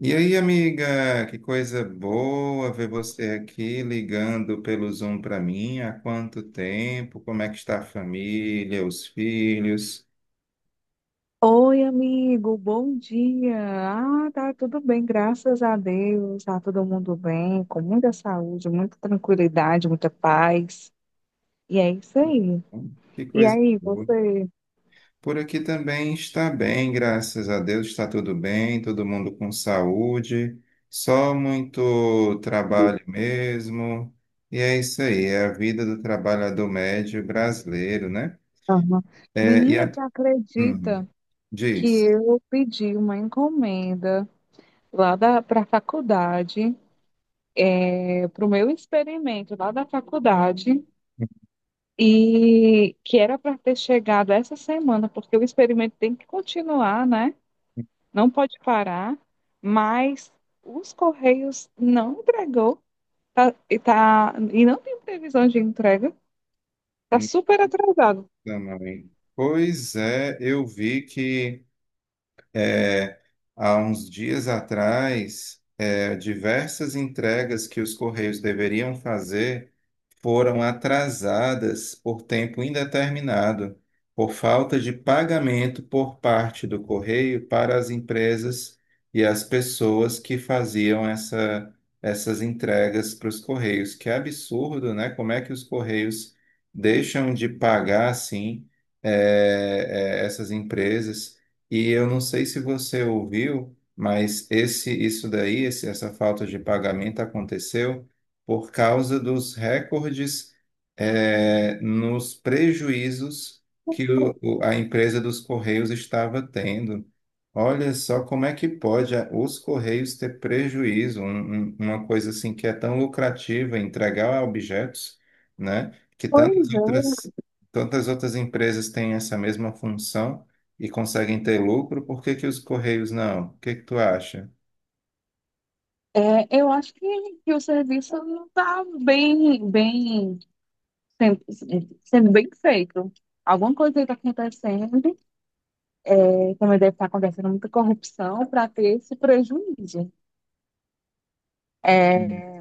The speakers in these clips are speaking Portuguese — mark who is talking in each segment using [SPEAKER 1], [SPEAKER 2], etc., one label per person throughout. [SPEAKER 1] E aí, amiga, que coisa boa ver você aqui ligando pelo Zoom para mim. Há quanto tempo? Como é que está a família, os filhos?
[SPEAKER 2] Oi, amigo, bom dia. Ah, tá tudo bem, graças a Deus. Tá todo mundo bem, com muita saúde, muita tranquilidade, muita paz. E é isso aí.
[SPEAKER 1] Que
[SPEAKER 2] E
[SPEAKER 1] coisa
[SPEAKER 2] aí,
[SPEAKER 1] boa.
[SPEAKER 2] você?
[SPEAKER 1] Por aqui também está bem, graças a Deus, está tudo bem, todo mundo com saúde, só muito trabalho mesmo. E é isso aí, é a vida do trabalhador médio brasileiro, né?
[SPEAKER 2] Aham.
[SPEAKER 1] É, e
[SPEAKER 2] Menina,
[SPEAKER 1] a.
[SPEAKER 2] tu
[SPEAKER 1] Hum,
[SPEAKER 2] acredita que
[SPEAKER 1] diz.
[SPEAKER 2] eu pedi uma encomenda lá da para a faculdade, para o meu experimento lá da faculdade? E que era para ter chegado essa semana, porque o experimento tem que continuar, né? Não pode parar, mas os Correios não entregou e não tem previsão de entrega, está super atrasado.
[SPEAKER 1] Também. Pois é, eu vi que é, há uns dias atrás, diversas entregas que os Correios deveriam fazer foram atrasadas por tempo indeterminado, por falta de pagamento por parte do correio para as empresas e as pessoas que faziam essas entregas para os correios. Que absurdo, né? Como é que os correios deixam de pagar assim essas empresas? E eu não sei se você ouviu, mas isso daí, essa falta de pagamento aconteceu por causa dos recordes, nos prejuízos que a empresa dos Correios estava tendo. Olha só como é que pode os Correios ter prejuízo, uma coisa assim que é tão lucrativa, entregar objetos, né? Que tantas
[SPEAKER 2] Pois
[SPEAKER 1] outras, tantas outras empresas têm essa mesma função e conseguem ter lucro, por que que os Correios não? O que que tu acha?
[SPEAKER 2] é, eu acho que o serviço não está bem, bem, sem- sendo bem feito. Alguma coisa está acontecendo, é, também deve estar acontecendo muita corrupção para ter esse prejuízo. É,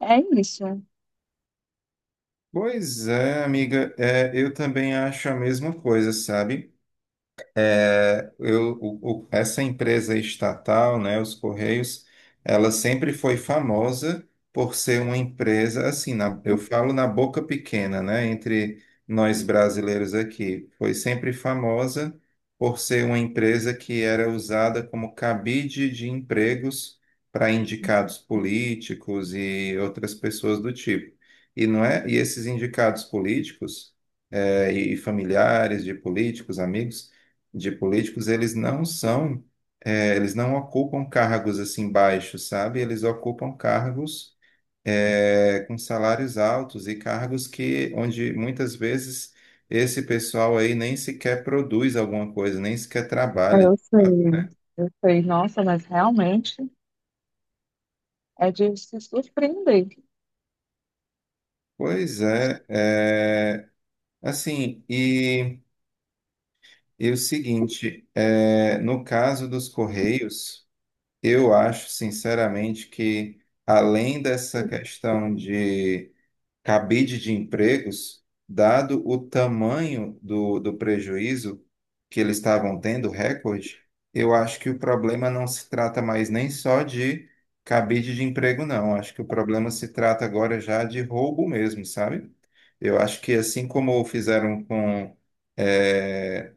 [SPEAKER 2] é isso.
[SPEAKER 1] Pois é, amiga, é, eu também acho a mesma coisa, sabe? É, essa empresa estatal, né, os Correios, ela sempre foi famosa por ser uma empresa, assim, eu falo na boca pequena, né, entre nós brasileiros aqui, foi sempre famosa por ser uma empresa que era usada como cabide de empregos para indicados políticos e outras pessoas do tipo. E não é, e esses indicados políticos, e familiares de políticos, amigos de políticos, eles não são, eles não ocupam cargos assim baixos, sabe? Eles ocupam cargos com salários altos e cargos que onde muitas vezes esse pessoal aí nem sequer produz alguma coisa, nem sequer trabalha.
[SPEAKER 2] Eu sei, eu sei. Nossa, mas realmente é de se surpreender.
[SPEAKER 1] Pois é, é, assim, e o seguinte, no caso dos Correios. Eu acho, sinceramente, que além dessa questão de cabide de empregos, dado o tamanho do prejuízo que eles estavam tendo, recorde, eu acho que o problema não se trata mais nem só de cabide de emprego, não. Acho que o problema se trata agora já de roubo mesmo, sabe? Eu acho que assim como fizeram com eh,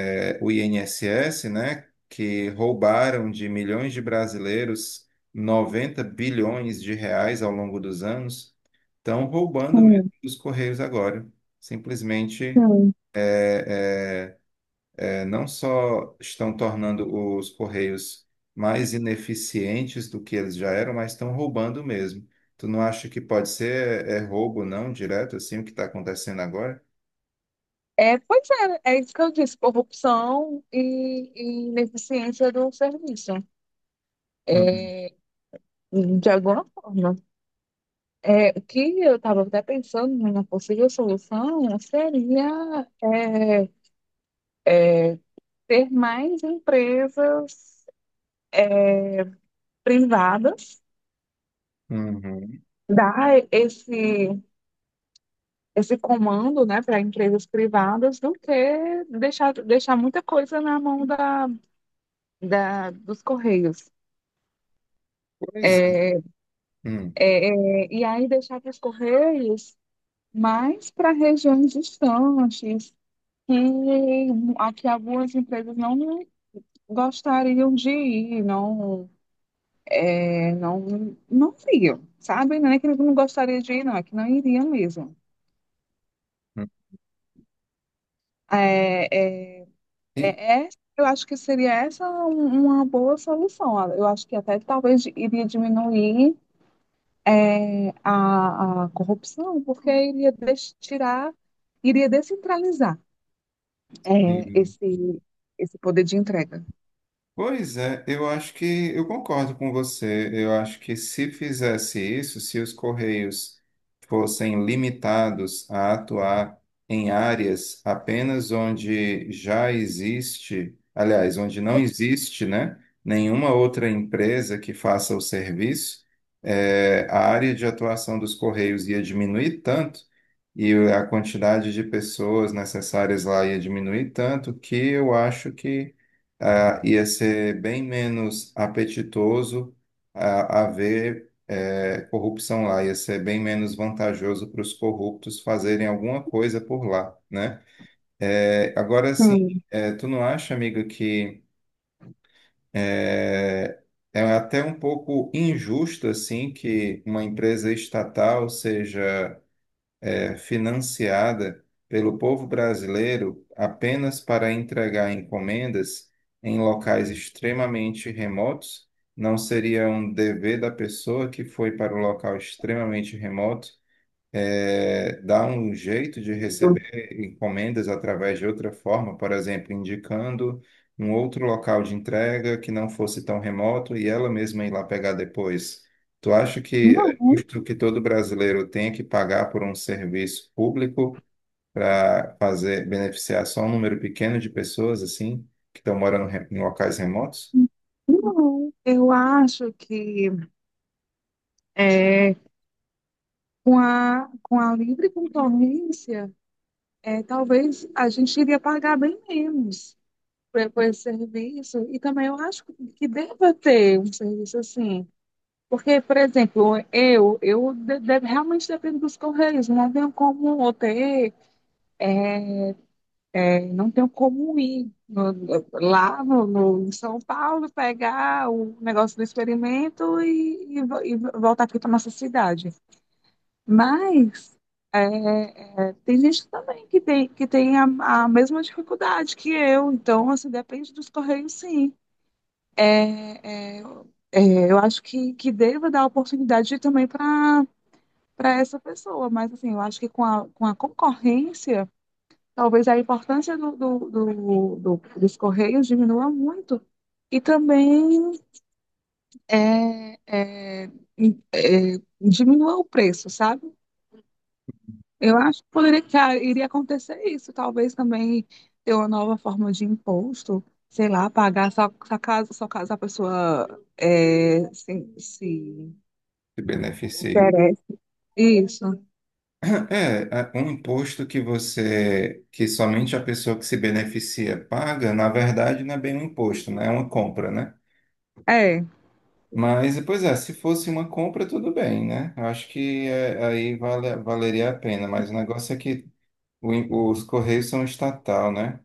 [SPEAKER 1] o INSS, né, que roubaram de milhões de brasileiros 90 bilhões de reais ao longo dos anos, estão roubando mesmo
[SPEAKER 2] Sim,
[SPEAKER 1] dos Correios agora. Simplesmente,
[SPEAKER 2] sim.
[SPEAKER 1] não só estão tornando os Correios mais ineficientes do que eles já eram, mas estão roubando mesmo. Tu não acha que pode ser roubo não direto assim o que está acontecendo agora?
[SPEAKER 2] É, pois é, é isso que eu disse, corrupção e ineficiência do serviço, é,
[SPEAKER 1] Hum,
[SPEAKER 2] de alguma forma. É, o que eu estava até pensando numa possível solução seria é, ter mais empresas privadas,
[SPEAKER 1] uhum.
[SPEAKER 2] dar esse, esse comando, né, para empresas privadas, do que deixar, deixar muita coisa na mão dos Correios.
[SPEAKER 1] Pois,
[SPEAKER 2] É,
[SPEAKER 1] hum,
[SPEAKER 2] E aí deixar para os Correios mais para regiões distantes, que aqui algumas empresas não gostariam de ir, não, é, não, não iriam, sabe? Não é que não gostaria de ir, não, é que não iriam mesmo.
[SPEAKER 1] hum.
[SPEAKER 2] É, é,
[SPEAKER 1] E-
[SPEAKER 2] é, é- eu acho que seria uma boa solução. Eu acho que até talvez iria diminuir é, a corrupção, porque tirar, iria descentralizar
[SPEAKER 1] hum,
[SPEAKER 2] é,
[SPEAKER 1] hum,
[SPEAKER 2] esse,
[SPEAKER 1] hum.
[SPEAKER 2] esse poder de entrega.
[SPEAKER 1] Pois é, eu acho que eu concordo com você. Eu acho que se fizesse isso, se os Correios fossem limitados a atuar em áreas apenas onde já existe, aliás, onde não existe, né, nenhuma outra empresa que faça o serviço, a área de atuação dos Correios ia diminuir tanto e a quantidade de pessoas necessárias lá ia diminuir tanto que eu acho que ia ser bem menos apetitoso, haver corrupção lá, ia ser bem menos vantajoso para os corruptos fazerem alguma coisa por lá, né? Agora sim,
[SPEAKER 2] Certo.
[SPEAKER 1] tu não acha, amiga, que eh, é até um pouco injusto assim que uma empresa estatal seja financiada pelo povo brasileiro apenas para entregar encomendas em locais extremamente remotos? Não seria um dever da pessoa que foi para o local extremamente remoto dar um jeito de receber encomendas através de outra forma, por exemplo, indicando um outro local de entrega que não fosse tão remoto e ela mesma ir lá pegar depois. Tu acha que
[SPEAKER 2] Não,
[SPEAKER 1] é justo que todo brasileiro tenha que pagar por um serviço público para fazer beneficiar só um número pequeno de pessoas assim que estão morando em em locais remotos?
[SPEAKER 2] não. Eu acho que é, com a livre concorrência, é, talvez a gente iria pagar bem menos por esse serviço. E também eu acho que deva ter um serviço assim. Porque, por exemplo, eu realmente dependo dos correios, não tenho como ou ter não tenho como ir lá em São Paulo, pegar o negócio do experimento e voltar aqui para nossa cidade. Mas é, é, tem gente também que tem a mesma dificuldade que eu, então assim, depende dos correios, sim. É, é, é, eu acho que devo dar oportunidade também para essa pessoa, mas assim, eu acho que com a concorrência. Talvez a importância dos correios diminua muito e também é, é, é, diminua o preço, sabe? Eu acho que poderia que ah, iria acontecer isso, talvez também ter uma nova forma de imposto, sei lá, pagar só, só caso a pessoa é, se
[SPEAKER 1] Se beneficie.
[SPEAKER 2] interessa. Isso.
[SPEAKER 1] É, um imposto que você, que somente a pessoa que se beneficia paga, na verdade não é bem um imposto, né? É uma compra, né?
[SPEAKER 2] É,
[SPEAKER 1] Mas, pois é, se fosse uma compra, tudo bem, né? Eu acho que é, aí valeria a pena, mas o negócio é que os Correios são estatal, né?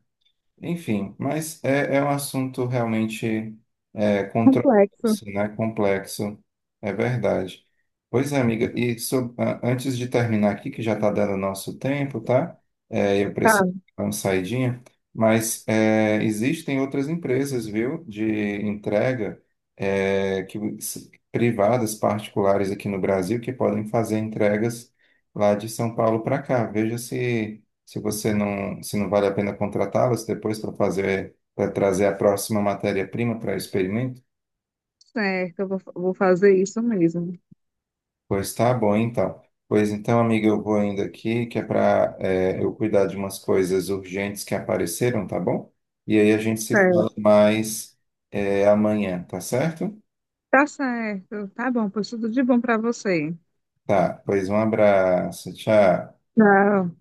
[SPEAKER 1] Enfim, mas é, é um assunto realmente
[SPEAKER 2] complexo,
[SPEAKER 1] controverso, né? Complexo, é verdade. Pois é, amiga, e antes de terminar aqui, que já está dando nosso tempo, tá? É, eu
[SPEAKER 2] tá?
[SPEAKER 1] preciso dar uma saidinha, mas é, existem outras empresas, viu, de entrega, privadas, particulares aqui no Brasil, que podem fazer entregas lá de São Paulo para cá. Veja se. Se você não, se não vale a pena contratá-los depois para fazer, para trazer a próxima matéria-prima para o experimento,
[SPEAKER 2] Certo, eu vou, vou fazer isso mesmo.
[SPEAKER 1] pois tá bom, então. Pois então, amiga, eu vou indo aqui, que é para eu cuidar de umas coisas urgentes que apareceram, tá bom? E aí a gente se
[SPEAKER 2] Certo.
[SPEAKER 1] fala mais, é, amanhã, tá certo?
[SPEAKER 2] Tá certo. Tá bom, pois tudo de bom pra você.
[SPEAKER 1] Tá, pois um abraço, tchau.
[SPEAKER 2] Tchau.